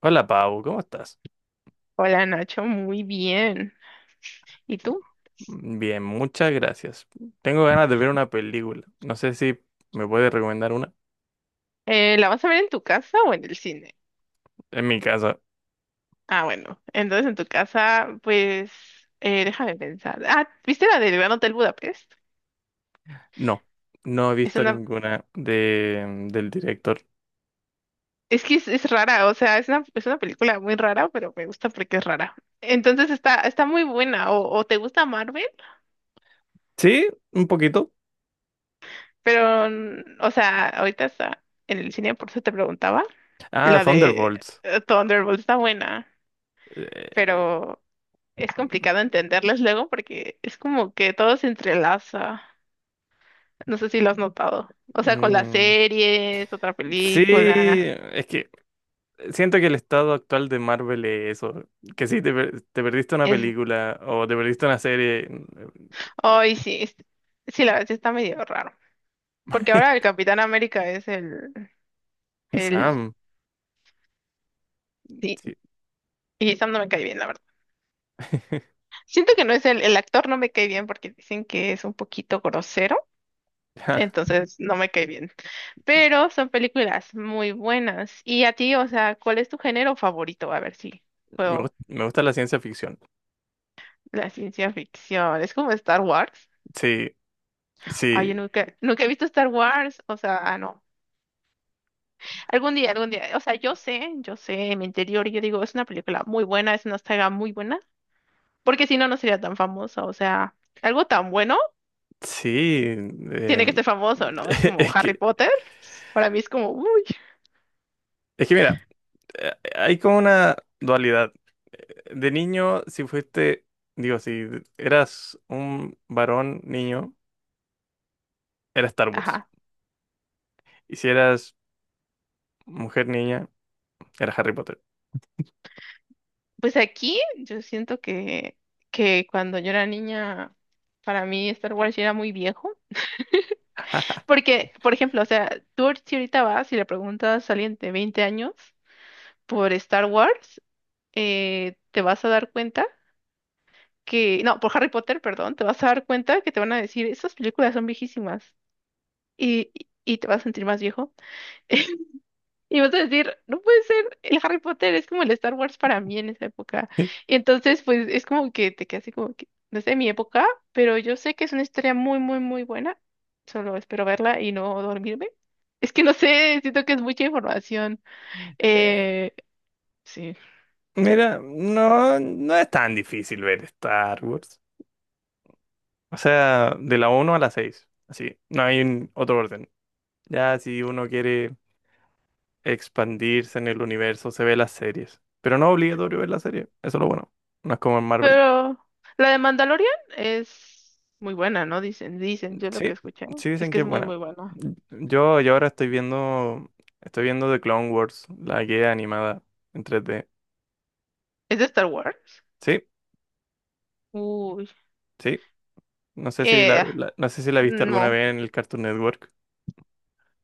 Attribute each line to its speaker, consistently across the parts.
Speaker 1: Hola Pau, ¿cómo estás?
Speaker 2: Hola Nacho, muy bien. ¿Y tú?
Speaker 1: Bien, muchas gracias. Tengo ganas de ver una película. No sé si me puedes recomendar una.
Speaker 2: ¿La vas a ver en tu casa o en el cine?
Speaker 1: En mi casa.
Speaker 2: Ah, bueno. Entonces en tu casa, pues, déjame pensar. Ah, ¿viste la del Gran Hotel Budapest?
Speaker 1: No. No he
Speaker 2: Es
Speaker 1: visto
Speaker 2: una,
Speaker 1: ninguna del director.
Speaker 2: es rara, o sea, es una película muy rara, pero me gusta porque es rara. Entonces está muy buena. O te gusta Marvel,
Speaker 1: Sí, un poquito.
Speaker 2: pero, o sea, ahorita está en el cine, por eso te preguntaba.
Speaker 1: Ah,
Speaker 2: La de
Speaker 1: Thunderbolts.
Speaker 2: Thunderbolt está buena,
Speaker 1: Eh,
Speaker 2: pero es complicado entenderles luego porque es como que todo se entrelaza. No sé si lo has notado. O sea, con las
Speaker 1: mm,
Speaker 2: series, otra
Speaker 1: sí,
Speaker 2: película.
Speaker 1: es que siento que el estado actual de Marvel es eso. Que si te perdiste una
Speaker 2: Es...
Speaker 1: película o te perdiste una serie.
Speaker 2: Ay, sí, sí, la verdad sí está medio raro. Porque ahora el Capitán América es
Speaker 1: Es
Speaker 2: el...
Speaker 1: Sam,
Speaker 2: Sí,
Speaker 1: sí.
Speaker 2: y Sam no me cae bien, la verdad. Siento que no es el actor no me cae bien porque dicen que es un poquito grosero. Entonces no me cae bien. Pero son películas muy buenas. Y a ti, o sea, ¿cuál es tu género favorito? A ver si puedo.
Speaker 1: Me gusta la ciencia ficción.
Speaker 2: La ciencia ficción, es como Star Wars.
Speaker 1: Sí.
Speaker 2: Ay,
Speaker 1: Sí,
Speaker 2: yo nunca he visto Star Wars, o sea, ah, no. Algún día, o sea, yo sé, en mi interior, yo digo, es una película muy buena, es una saga muy buena, porque si no, no sería tan famosa, o sea, algo tan bueno
Speaker 1: sí.
Speaker 2: tiene que ser famoso, ¿no? Es como
Speaker 1: Es
Speaker 2: Harry
Speaker 1: que,
Speaker 2: Potter, para mí es como, uy,
Speaker 1: es que mira, hay como una dualidad. De niño, si fuiste, digo, si eras un varón niño, era Star Wars.
Speaker 2: ajá.
Speaker 1: Y si eras mujer niña, era Harry Potter.
Speaker 2: Pues aquí yo siento que cuando yo era niña, para mí Star Wars ya era muy viejo. Porque, por ejemplo, o sea, si ahorita vas y le preguntas a alguien de 20 años, por Star Wars, te vas a dar cuenta que, no, por Harry Potter, perdón, te vas a dar cuenta que te van a decir, esas películas son viejísimas y te vas a sentir más viejo. Y vas a decir, no puede ser, el Harry Potter es como el Star Wars para mí en esa época. Y entonces, pues es como que te quedas así como que, no es de mi época, pero yo sé que es una historia muy, muy, muy buena. Solo espero verla y no dormirme. Es que no sé, siento que es mucha información.
Speaker 1: Eh,
Speaker 2: Eh, sí,
Speaker 1: Mira, no, no es tan difícil ver Star Wars. O sea, de la 1 a la seis, así no hay otro orden. Ya si uno quiere expandirse en el universo, se ve las series. Pero no es obligatorio ver la serie, eso es lo bueno. No es como en Marvel.
Speaker 2: Pero la de Mandalorian es muy buena, ¿no? Dicen, yo lo que
Speaker 1: Sí,
Speaker 2: escuché
Speaker 1: sí
Speaker 2: es
Speaker 1: dicen
Speaker 2: que
Speaker 1: que
Speaker 2: es
Speaker 1: es
Speaker 2: muy,
Speaker 1: buena.
Speaker 2: muy buena.
Speaker 1: Yo ahora estoy viendo The Clone Wars, la guía animada en 3D.
Speaker 2: ¿Es de Star Wars?
Speaker 1: Sí,
Speaker 2: Uy,
Speaker 1: sí. No sé si
Speaker 2: eh,
Speaker 1: la viste alguna
Speaker 2: no,
Speaker 1: vez en el Cartoon Network.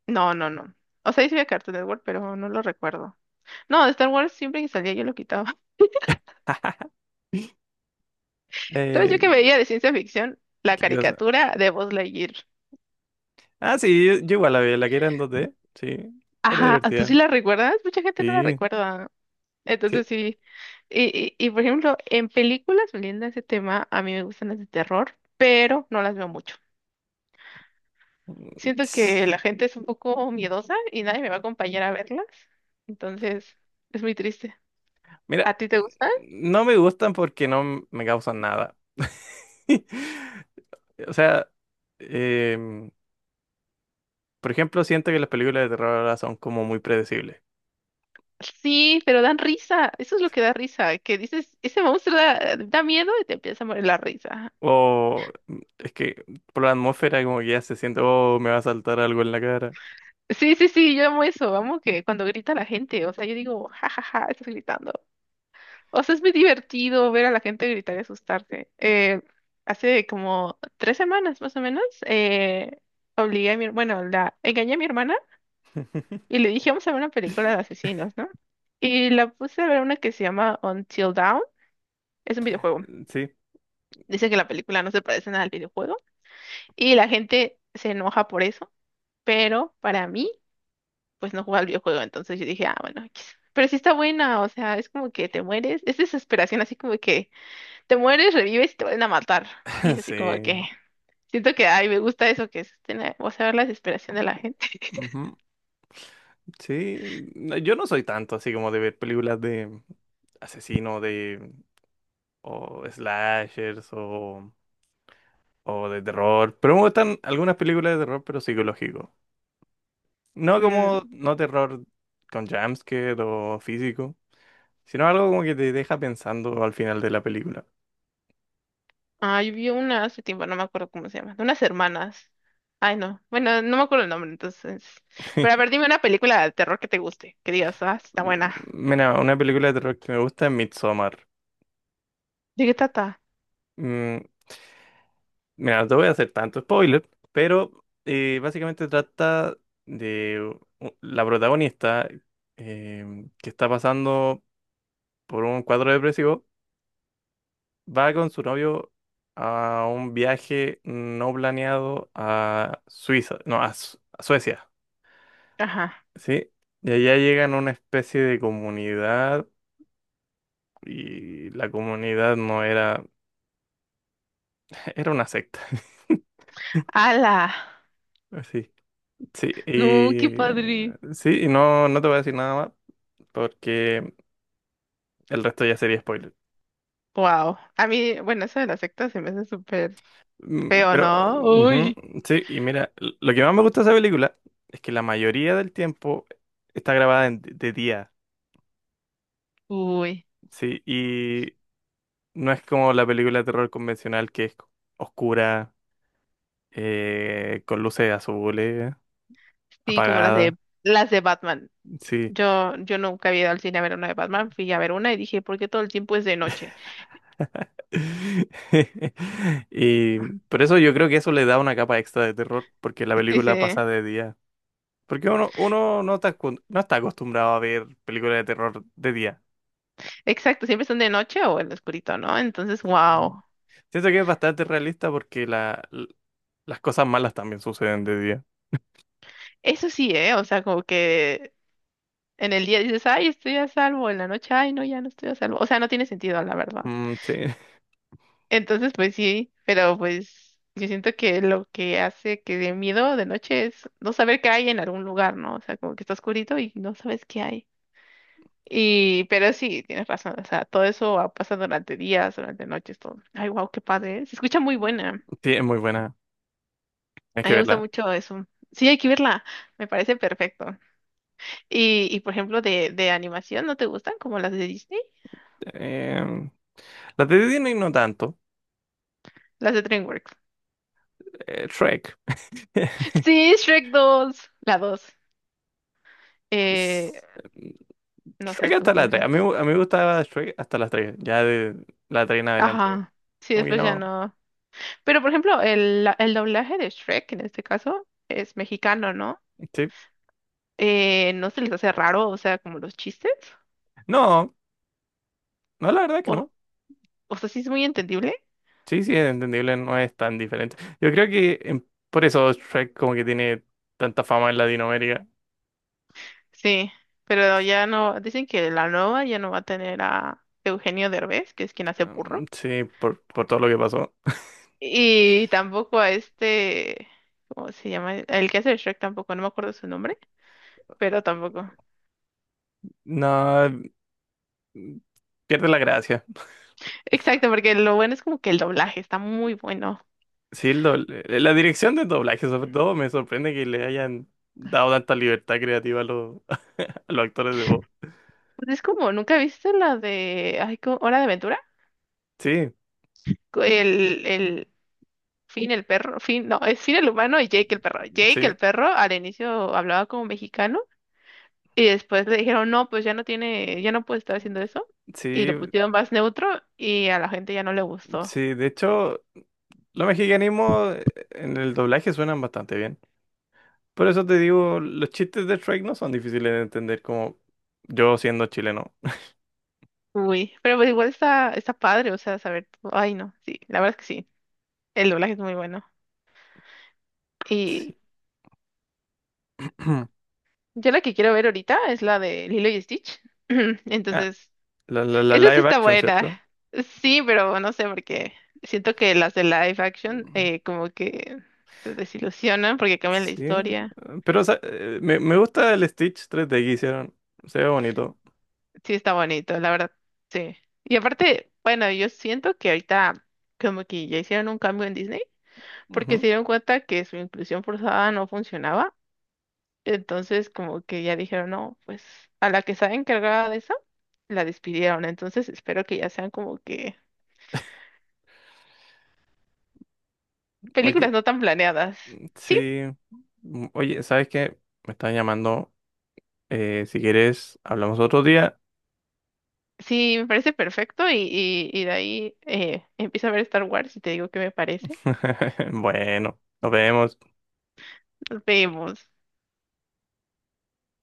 Speaker 2: no. O sea, sí veía Cartoon Network, pero no lo recuerdo. No, de Star Wars siempre que salía yo lo quitaba. ¿Sabes yo
Speaker 1: Eh,
Speaker 2: que veía de ciencia ficción? La
Speaker 1: ¿Qué cosa?
Speaker 2: caricatura de Buzz Lightyear.
Speaker 1: Ah, sí, yo igual la vi, la que era en 2D. Sí, era
Speaker 2: Ajá, ¿tú
Speaker 1: divertida.
Speaker 2: sí la recuerdas? Mucha gente no la
Speaker 1: Sí,
Speaker 2: recuerda. Entonces
Speaker 1: sí.
Speaker 2: sí. Y, y por ejemplo, en películas, volviendo a ese tema, a mí me gustan las de terror, pero no las veo mucho.
Speaker 1: Mm,
Speaker 2: Siento que la gente es un poco miedosa y nadie me va a acompañar a verlas. Entonces, es muy triste.
Speaker 1: Mira,
Speaker 2: ¿A ti te gusta?
Speaker 1: no me gustan porque no me causan nada. O sea, em, por ejemplo, siento que las películas de terror ahora son como muy predecibles.
Speaker 2: Sí, pero dan risa. Eso es lo que da risa. Que dices, ese monstruo da miedo y te empieza a morir la risa.
Speaker 1: O es que por la atmósfera como que ya se siente, oh, me va a saltar algo en la cara.
Speaker 2: Sí, sí, sí, yo amo eso. Amo que cuando grita la gente, o sea, yo digo, ja, ja, ja, estás gritando. O sea, es muy divertido ver a la gente gritar y asustarse. Hace como tres semanas más o menos, obligué a mi, bueno, la engañé a mi hermana y le dije, vamos a ver una película de asesinos, ¿no? Y la puse a ver una que se llama Until Dawn. Es un videojuego.
Speaker 1: Sí,
Speaker 2: Dice que la película no se parece nada al videojuego. Y la gente se enoja por eso. Pero para mí, pues no juega al videojuego. Entonces yo dije, ah, bueno, X". Pero sí está buena. O sea, es como que te mueres. Es desesperación, así como que te mueres, revives y te vuelven a matar. Y es así como
Speaker 1: sí,
Speaker 2: que siento que, ay, me gusta eso que es, o sea, ver la desesperación de la gente.
Speaker 1: ujú, sí. No, yo no soy tanto así como de ver películas de asesino, de o slashers, o de terror, pero me gustan algunas películas de terror, pero psicológico.
Speaker 2: Mm,
Speaker 1: No terror con jumpscare o físico, sino algo como que te deja pensando al final de la película.
Speaker 2: Ah, yo vi una hace tiempo, no me acuerdo cómo se llama, de unas hermanas. Ay, no, bueno, no me acuerdo el nombre, entonces. Pero a ver, dime una película de terror que te guste, que digas, ah, está buena.
Speaker 1: Mira, una película de terror que me gusta es Midsommar.
Speaker 2: ¿De qué trata?
Speaker 1: Mm, mira, no te voy a hacer tanto spoiler, pero básicamente trata de la protagonista, que está pasando por un cuadro depresivo, va con su novio a un viaje no planeado a Suiza, no, a Suecia,
Speaker 2: Ajá.
Speaker 1: ¿sí? Y allá llegan a una especie de comunidad, y la comunidad no era, era una secta.
Speaker 2: ¡Hala!
Speaker 1: Sí, sí,
Speaker 2: No, qué
Speaker 1: y
Speaker 2: padre.
Speaker 1: sí, y no, no te voy a decir nada más porque el resto ya sería spoiler.
Speaker 2: Wow. A mí, bueno, eso de la secta se me hace súper feo,
Speaker 1: Pero,
Speaker 2: ¿no?
Speaker 1: ujú,
Speaker 2: Uy.
Speaker 1: sí, y mira, lo que más me gusta de esa película es que la mayoría del tiempo está grabada de día.
Speaker 2: Uy.
Speaker 1: Sí, y no es como la película de terror convencional que es oscura, con luces azules,
Speaker 2: Sí, como
Speaker 1: apagada.
Speaker 2: las de Batman.
Speaker 1: Sí.
Speaker 2: Yo nunca había ido al cine a ver una de Batman, fui a ver una y dije, ¿por qué todo el tiempo es de noche?
Speaker 1: Y por eso yo creo que eso le da una capa extra de terror, porque la
Speaker 2: Sí, sí.
Speaker 1: película pasa de día. Porque uno no está, no está acostumbrado a ver películas de terror de día.
Speaker 2: Exacto, siempre están de noche o en lo oscurito, ¿no? Entonces,
Speaker 1: Sí.
Speaker 2: wow.
Speaker 1: Siento que es bastante realista porque las cosas malas también suceden de día.
Speaker 2: Eso sí, ¿eh? O sea, como que en el día dices, ay, estoy a salvo, en la noche, ay, no, ya no estoy a salvo. O sea, no tiene sentido, la verdad.
Speaker 1: Mm, sí,
Speaker 2: Entonces, pues sí, pero pues yo siento que lo que hace que dé miedo de noche es no saber qué hay en algún lugar, ¿no? O sea, como que está oscurito y no sabes qué hay. Y, pero sí, tienes razón, o sea, pasa durante días, durante noches, todo. Ay, wow, qué padre. ¿Eh? Se escucha muy buena.
Speaker 1: sí, es muy buena. Hay
Speaker 2: A
Speaker 1: que
Speaker 2: mí me gusta
Speaker 1: verla.
Speaker 2: mucho eso. Sí, hay que verla. Me parece perfecto. Y por ejemplo, de animación, ¿no te gustan? Como las de Disney,
Speaker 1: Em, Las de Disney no tanto.
Speaker 2: las de DreamWorks.
Speaker 1: Shrek.
Speaker 2: Sí, Shrek dos. La dos. Eh,
Speaker 1: Es- mm,
Speaker 2: no sé,
Speaker 1: Shrek
Speaker 2: tú
Speaker 1: hasta la tres. A
Speaker 2: cuéntame.
Speaker 1: mí, me gustaba Shrek hasta las tres. Ya de la 3 en adelante,
Speaker 2: Ajá. Sí,
Speaker 1: como que
Speaker 2: después ya
Speaker 1: no.
Speaker 2: no. Pero por ejemplo, el doblaje de Shrek en este caso es mexicano, ¿no?
Speaker 1: Sí.
Speaker 2: ¿No se les hace raro, o sea, como los chistes?
Speaker 1: No, no, la verdad que
Speaker 2: O,
Speaker 1: no.
Speaker 2: o sea, sí es muy entendible.
Speaker 1: Sí, sí, es entendible, no es tan diferente. Yo creo que por eso Shrek como que tiene tanta fama en Latinoamérica.
Speaker 2: Sí, pero ya no, dicen que la nueva ya no va a tener a Eugenio Derbez, que es quien hace Burro,
Speaker 1: Sí, por todo lo que pasó.
Speaker 2: y tampoco a este, ¿cómo se llama? El que hace de Shrek tampoco, no me acuerdo su nombre, pero tampoco.
Speaker 1: No, mm, pierde la gracia.
Speaker 2: Exacto, porque lo bueno es como que el doblaje está muy bueno.
Speaker 1: Sí, la dirección del doblaje sobre todo me sorprende que le hayan dado tanta libertad creativa a los actores de voz.
Speaker 2: Pues es como, ¿nunca viste la de, ay, ¿cómo? Hora de Aventura?
Speaker 1: Sí,
Speaker 2: El Finn el perro, Finn, no, es Finn el humano y Jake el perro. Jake el
Speaker 1: sí,
Speaker 2: perro al inicio hablaba como mexicano y después le dijeron, no, pues ya no tiene, ya no puede estar haciendo eso. Y
Speaker 1: sí,
Speaker 2: lo pusieron más neutro y a la gente ya no le gustó.
Speaker 1: sí. De hecho, los mexicanismos, en el doblaje suenan bastante bien. Por eso te digo, los chistes de Shrek no son difíciles de entender como yo siendo chileno.
Speaker 2: Uy, pero pues igual está padre, o sea, saber, todo. Ay no, sí, la verdad es que sí, el doblaje es muy bueno. Y
Speaker 1: Sí.
Speaker 2: yo la que quiero ver ahorita es la de Lilo y Stitch.
Speaker 1: Ah,
Speaker 2: Entonces,
Speaker 1: la
Speaker 2: esa sí
Speaker 1: live
Speaker 2: está
Speaker 1: action,
Speaker 2: buena.
Speaker 1: ¿cierto?
Speaker 2: Sí, pero no sé, porque siento que las de live action
Speaker 1: Mm,
Speaker 2: como que te desilusionan porque cambian la
Speaker 1: sí.
Speaker 2: historia.
Speaker 1: Pero o sea, me gusta el Stitch 3D que hicieron. Se ve bonito.
Speaker 2: Sí, está bonito, la verdad. Sí. Y aparte, bueno, yo siento que ahorita como que ya hicieron un cambio en Disney porque
Speaker 1: Ujú.
Speaker 2: se dieron cuenta que su inclusión forzada no funcionaba. Entonces, como que ya dijeron, no, pues a la que estaba encargada de eso, la despidieron. Entonces, espero que ya sean como que películas
Speaker 1: Oye,
Speaker 2: no tan planeadas. Sí,
Speaker 1: sí. Oye, ¿sabes qué? Me están llamando. Si quieres, hablamos otro día.
Speaker 2: sí, me parece perfecto y de ahí empiezo a ver Star Wars y te digo qué me parece.
Speaker 1: Bueno, nos vemos.
Speaker 2: Nos vemos.